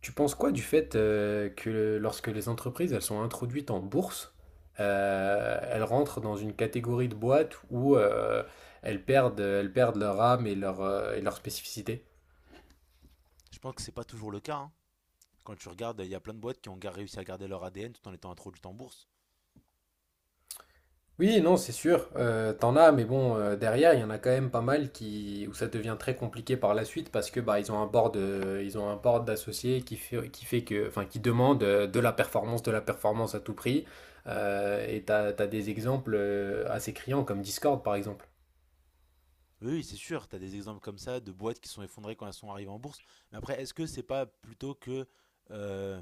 Tu penses quoi du fait que lorsque les entreprises elles sont introduites en bourse, elles rentrent dans une catégorie de boîtes où elles perdent leur âme et et leur spécificité? Je pense que c'est pas toujours le cas, hein. Quand tu regardes, il y a plein de boîtes qui ont réussi à garder leur ADN tout en étant introduites en bourse. Oui, non, c'est sûr, t'en as, mais bon, derrière, il y en a quand même pas mal qui, où ça devient très compliqué par la suite parce que bah, ils ont un board, ils ont un board d'associés qui fait que, enfin, qui demande de la performance à tout prix. Et t'as des exemples assez criants comme Discord, par exemple. Oui, oui, c'est sûr, tu as des exemples comme ça de boîtes qui sont effondrées quand elles sont arrivées en bourse. Mais après, est-ce que c'est pas plutôt que euh,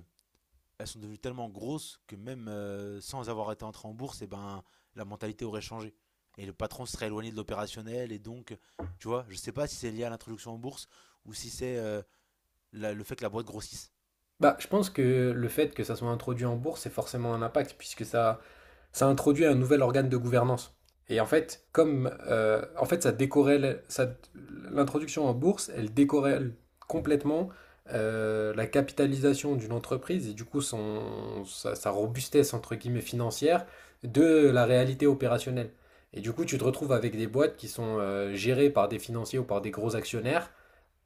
elles sont devenues tellement grosses que même sans avoir été entrées en bourse, et ben, la mentalité aurait changé et le patron se serait éloigné de l'opérationnel, et donc, tu vois, je sais pas si c'est lié à l'introduction en bourse ou si c'est le fait que la boîte grossisse. Bah, je pense que le fait que ça soit introduit en bourse, c'est forcément un impact, puisque ça, ça introduit un nouvel organe de gouvernance. Et en fait, comme en fait, ça décorrèle, ça, l'introduction en bourse, elle décorrèle complètement la capitalisation d'une entreprise et du coup son, sa, sa robustesse entre guillemets financière de la réalité opérationnelle. Et du coup, tu te retrouves avec des boîtes qui sont gérées par des financiers ou par des gros actionnaires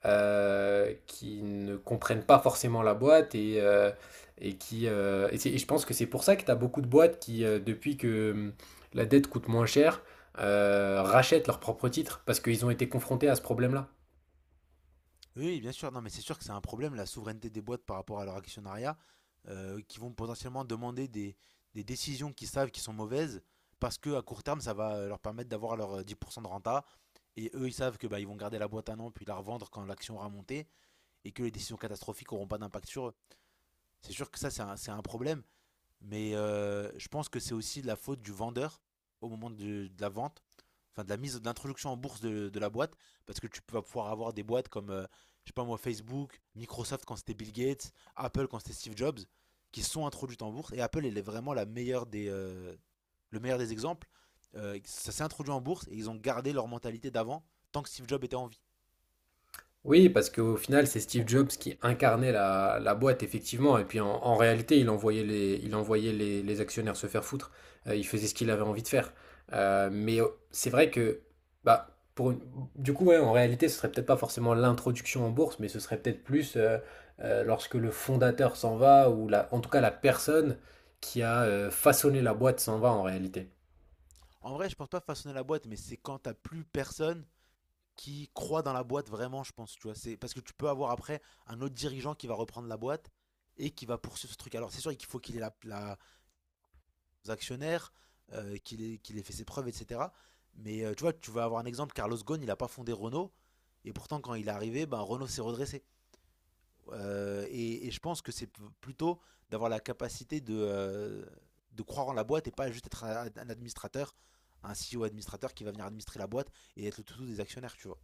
qui ne comprennent pas forcément la boîte et qui et je pense que c'est pour ça que tu as beaucoup de boîtes qui depuis que la dette coûte moins cher rachètent leurs propres titres parce qu'ils ont été confrontés à ce problème-là. Oui, bien sûr. Non, mais c'est sûr que c'est un problème, la souveraineté des boîtes par rapport à leur actionnariat, qui vont potentiellement demander des décisions qu'ils savent qui sont mauvaises, parce que à court terme, ça va leur permettre d'avoir leur 10% de renta. Et eux, ils savent que bah, ils vont garder la boîte un an, puis la revendre quand l'action aura monté, et que les décisions catastrophiques n'auront pas d'impact sur eux. C'est sûr que ça, c'est un problème. Mais je pense que c'est aussi la faute du vendeur au moment de la vente, enfin de la mise, de l'introduction en bourse de la boîte, parce que tu vas pouvoir avoir des boîtes comme, je sais pas moi, Facebook, Microsoft quand c'était Bill Gates, Apple quand c'était Steve Jobs, qui sont introduites en bourse. Et Apple, elle est vraiment la meilleure le meilleur des exemples. Ça s'est introduit en bourse et ils ont gardé leur mentalité d'avant tant que Steve Jobs était en vie. Oui, parce qu'au final, c'est Steve Jobs qui incarnait la, la boîte, effectivement. Et puis en, en réalité, il envoyait les actionnaires se faire foutre. Il faisait ce qu'il avait envie de faire. Mais c'est vrai que, bah, pour une- du coup, ouais, en réalité, ce serait peut-être pas forcément l'introduction en bourse, mais ce serait peut-être plus lorsque le fondateur s'en va, ou la, en tout cas la personne qui a façonné la boîte s'en va en réalité. En vrai, je pense pas façonner la boîte, mais c'est quand t'as plus personne qui croit dans la boîte vraiment, je pense, tu vois. C'est parce que tu peux avoir après un autre dirigeant qui va reprendre la boîte et qui va poursuivre ce truc. Alors c'est sûr qu'il faut qu'il ait aux actionnaires, qu'il ait fait ses preuves, etc. Mais tu vois, tu vas avoir un exemple, Carlos Ghosn, il n'a pas fondé Renault, et pourtant quand il est arrivé, ben, Renault s'est redressé. Et je pense que c'est plutôt d'avoir la capacité de croire en la boîte, et pas juste être un administrateur, un CEO administrateur qui va venir administrer la boîte et être le toutou des actionnaires, tu vois.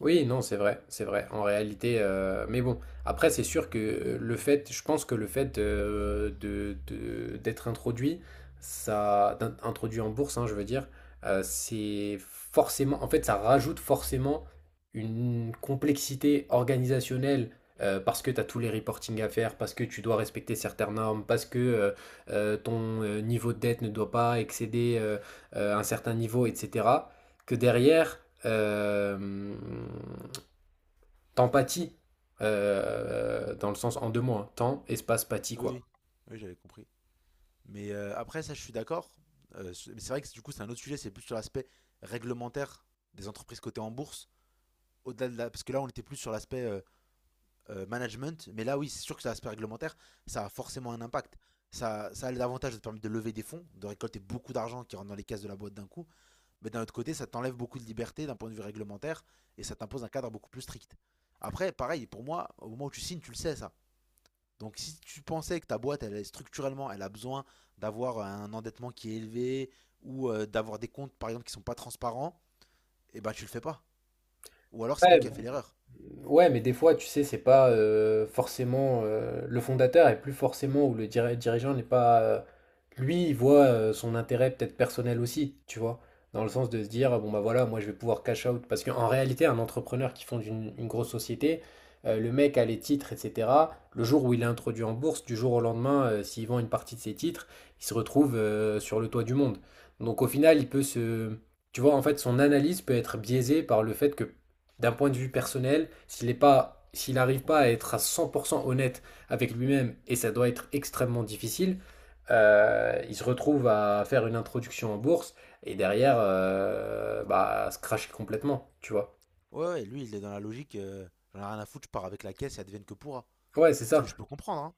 Oui, non, c'est vrai, c'est vrai. En réalité, mais bon, après, c'est sûr que le fait, je pense que le fait d'être introduit, ça, introduit en bourse, hein, je veux dire, c'est forcément, en fait, ça rajoute forcément une complexité organisationnelle parce que tu as tous les reporting à faire, parce que tu dois respecter certaines normes, parce que ton niveau de dette ne doit pas excéder un certain niveau, etc que derrière, euh, t'empathies, dans le sens en deux mots, hein, temps, espace, pathie, Oui, quoi. oui, oui, j'avais compris. Mais après, ça, je suis d'accord. C'est mais c'est vrai que du coup, c'est un autre sujet, c'est plus sur l'aspect réglementaire des entreprises cotées en bourse. Au-delà de parce que là, on était plus sur l'aspect management. Mais là, oui, c'est sûr que c'est l'aspect réglementaire, ça a forcément un impact. Ça a l'avantage de te permettre de lever des fonds, de récolter beaucoup d'argent qui rentre dans les caisses de la boîte d'un coup. Mais d'un autre côté, ça t'enlève beaucoup de liberté d'un point de vue réglementaire, et ça t'impose un cadre beaucoup plus strict. Après, pareil, pour moi, au moment où tu signes, tu le sais, ça. Donc si tu pensais que ta boîte, elle, structurellement, elle a besoin d'avoir un endettement qui est élevé ou d'avoir des comptes, par exemple, qui sont pas transparents, eh ben tu le fais pas. Ou alors c'est toi Ouais, qui as fait l'erreur. ouais, mais des fois, tu sais, c'est pas forcément le fondateur et plus forcément ou le dirigeant n'est pas lui, il voit son intérêt peut-être personnel aussi, tu vois, dans le sens de se dire bon bah voilà, moi je vais pouvoir cash out parce qu'en réalité, un entrepreneur qui fonde une grosse société, le mec a les titres, etc. Le jour où il est introduit en bourse, du jour au lendemain, s'il vend une partie de ses titres, il se retrouve sur le toit du monde. Donc au final, il peut se, tu vois, en fait, son analyse peut être biaisée par le fait que d'un point de vue personnel, s'il n'arrive pas à être à 100% honnête avec lui-même, et ça doit être extrêmement difficile, il se retrouve à faire une introduction en bourse et derrière, bah, à se cracher complètement, tu vois. Ouais, ouais, lui, il est dans la logique, j'en ai rien à foutre, je pars avec la caisse et advienne que pourra. Ouais, c'est Ce que ça. je peux comprendre, hein.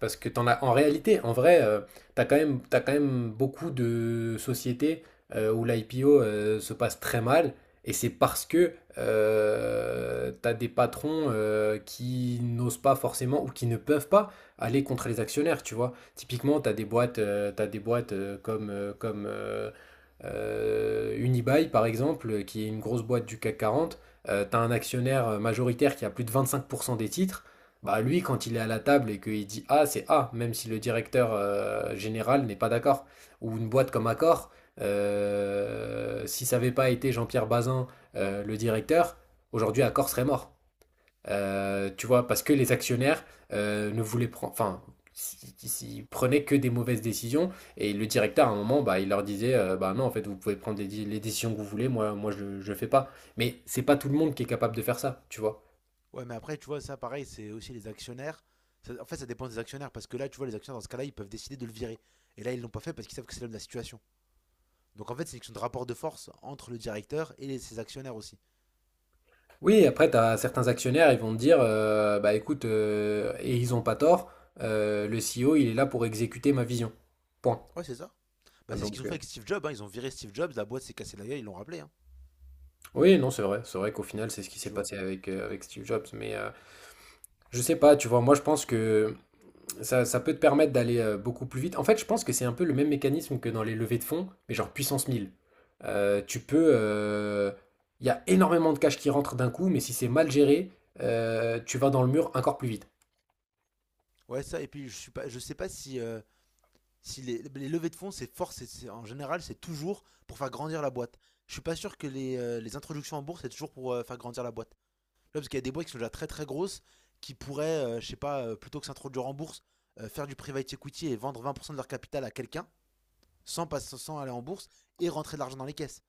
Parce que t'en as, en réalité, en vrai, t'as quand même beaucoup de sociétés où l'IPO se passe très mal, et c'est parce que t'as des patrons qui n'osent pas forcément ou qui ne peuvent pas aller contre les actionnaires, tu vois. Typiquement, t'as des boîtes comme, comme Unibail, par exemple, qui est une grosse boîte du CAC quarante, tu as un actionnaire majoritaire qui a plus de 25% des titres. Bah lui, quand il est à la table et qu'il dit A, c'est A, même si le directeur général n'est pas d'accord. Ou une boîte comme Accor, si ça n'avait pas été Jean-Pierre Bazin, le directeur, aujourd'hui Accor serait mort. Tu vois, parce que les actionnaires ne voulaient prendre, enfin, s- ils prenaient que des mauvaises décisions. Et le directeur, à un moment, bah, il leur disait, bah non, en fait, vous pouvez prendre les décisions que vous voulez. Moi, moi, je fais pas. Mais c'est pas tout le monde qui est capable de faire ça, tu vois. Ouais, mais après, tu vois, ça, pareil, c'est aussi les actionnaires. En fait, ça dépend des actionnaires, parce que là, tu vois, les actionnaires, dans ce cas-là, ils peuvent décider de le virer. Et là, ils l'ont pas fait parce qu'ils savent que c'est l'homme de la situation. Donc en fait, c'est une question de rapport de force entre le directeur et ses actionnaires aussi. Oui, après, t'as certains actionnaires, ils vont te dire, bah écoute, et ils ont pas tort. Le CEO, il est là pour exécuter ma vision. Point. Ouais, c'est ça. Bah, c'est ce qu'ils Donc, ont fait avec Steve Jobs, hein. Ils ont viré Steve Jobs, la boîte s'est cassée la gueule, ils l'ont rappelé, hein. oui, non, c'est vrai. C'est vrai qu'au final, c'est ce qui s'est Tu vois. passé avec, avec Steve Jobs. Mais je sais pas, tu vois, moi je pense que ça peut te permettre d'aller beaucoup plus vite. En fait, je pense que c'est un peu le même mécanisme que dans les levées de fonds, mais genre puissance 1000. Tu peux. Il y a énormément de cash qui rentre d'un coup, mais si c'est mal géré, tu vas dans le mur encore plus vite. Ouais, ça. Et puis, je suis pas, je sais pas si les levées de fonds, c'est fort. En général, c'est toujours pour faire grandir la boîte. Je suis pas sûr que les introductions en bourse, c'est toujours pour faire grandir la boîte. Tu vois, parce qu'il y a des boîtes qui sont déjà très très grosses qui pourraient, je sais pas, plutôt que s'introduire en bourse, faire du private equity et vendre 20% de leur capital à quelqu'un sans aller en bourse et rentrer de l'argent dans les caisses.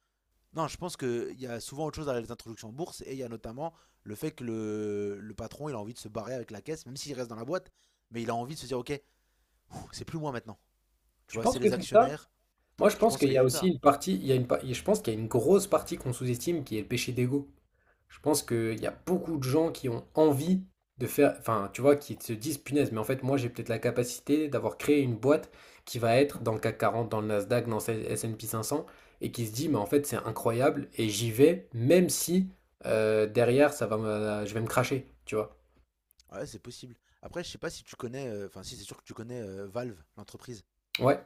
Non, je pense qu'il y a souvent autre chose derrière les introductions en bourse, et il y a notamment le fait que le patron il a envie de se barrer avec la caisse, même s'il reste dans la boîte, mais il a envie de se dire ok, pff, c'est plus moi maintenant. Tu Tu vois, c'est penses que les c'est ça? actionnaires. Moi, je Je pense pense qu'il qu'il y y a a de aussi ça. une partie, il y a une, pa- je pense qu'il y a une grosse partie qu'on sous-estime qui est le péché d'ego. Je pense qu'il y a beaucoup de gens qui ont envie de faire, enfin, tu vois, qui se disent, punaise, mais en fait, moi, j'ai peut-être la capacité d'avoir créé une boîte qui va être dans le CAC 40, dans le Nasdaq, dans le S&P 500, et qui se dit, mais en fait, c'est incroyable, et j'y vais, même si derrière, je vais me cracher, tu vois. Ouais, c'est possible. Après, je sais pas si tu connais, enfin si c'est sûr que tu connais Valve, l'entreprise. Ouais.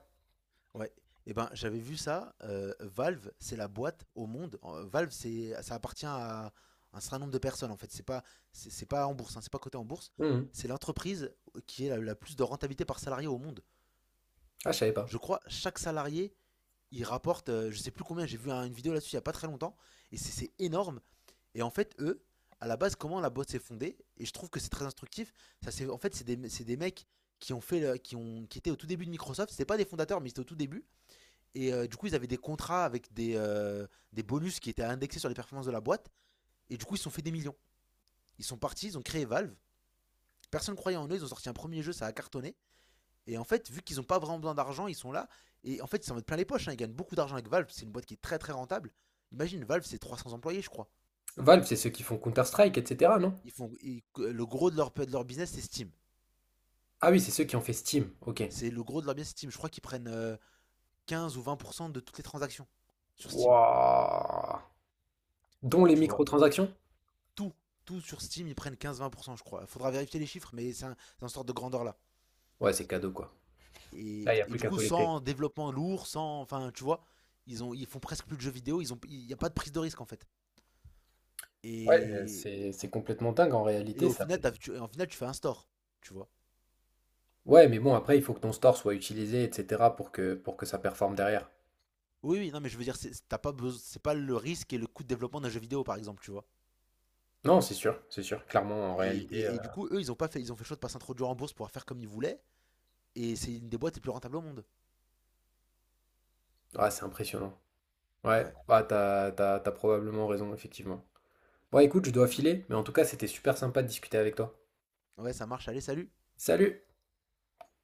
Ouais. Eh ben, j'avais vu ça. Valve, c'est la boîte au monde. Valve, ça appartient à un certain nombre de personnes, en fait. C'est pas en bourse, hein, c'est pas coté en bourse. Mhm. C'est l'entreprise qui est la plus de rentabilité par salarié au monde. Ah, je savais pas. Je crois, chaque salarié, il rapporte, je sais plus combien, j'ai vu une vidéo là-dessus il n'y a pas très longtemps, et c'est énorme. Et en fait, eux, à la base, comment la boîte s'est fondée, et je trouve que c'est très instructif, en fait, c'est des mecs qui ont fait, le- qui ont, qui étaient au tout début de Microsoft, c'était pas des fondateurs, mais c'était au tout début, et du coup, ils avaient des contrats avec des bonus qui étaient indexés sur les performances de la boîte, et du coup, ils se sont fait des millions. Ils sont partis, ils ont créé Valve, personne ne croyait en eux, ils ont sorti un premier jeu, ça a cartonné. Et en fait, vu qu'ils n'ont pas vraiment besoin d'argent, ils sont là. Et en fait, ils s'en mettent plein les poches, hein. Ils gagnent beaucoup d'argent avec Valve. C'est une boîte qui est très très rentable. Imagine, Valve, c'est 300 employés, je crois. Valve, c'est ceux qui font Counter-Strike, etc., non? Ils font, le gros de leur business, c'est Steam. Ah oui, c'est ceux qui ont fait Steam, ok. C'est le gros de leur business, Steam. Je crois qu'ils prennent 15 ou 20% de toutes les transactions sur Steam. Wouah! Dont les Tu vois, microtransactions? tout, tout sur Steam, ils prennent 15-20%, je crois. Il faudra vérifier les chiffres, mais c'est un, c'est sorte de grandeur là. Ouais, c'est cadeau, quoi. Là, il n'y a Et plus du qu'à coup, collecter. sans développement lourd, sans. Enfin, tu vois, ils font presque plus de jeux vidéo. Il n'y a pas de prise de risque en fait. Ouais, Et, c'est complètement dingue en Et réalité, au ça final, fait. En final, tu fais un store, tu vois. Ouais, mais bon, après, il faut que ton store soit utilisé, etc., pour que ça performe derrière. Oui, oui, non, mais je veux dire, c'est t'as pas besoin, c'est pas le risque et le coût de développement d'un jeu vidéo, par exemple, tu vois. Non, c'est sûr, c'est sûr. Clairement, en Et, réalité, et- et du coup, eux, ils ont pas fait, ils ont fait le choix de pas s'introduire en bourse pour faire comme ils voulaient. Et c'est une des boîtes les plus rentables au monde. ouais, c'est impressionnant. Ouais, Ouais, bah, t'as, t'as, t'as probablement raison, effectivement. Bon, écoute, je dois filer, mais en tout cas, c'était super sympa de discuter avec toi. ouais, ça marche. Allez, salut. Salut!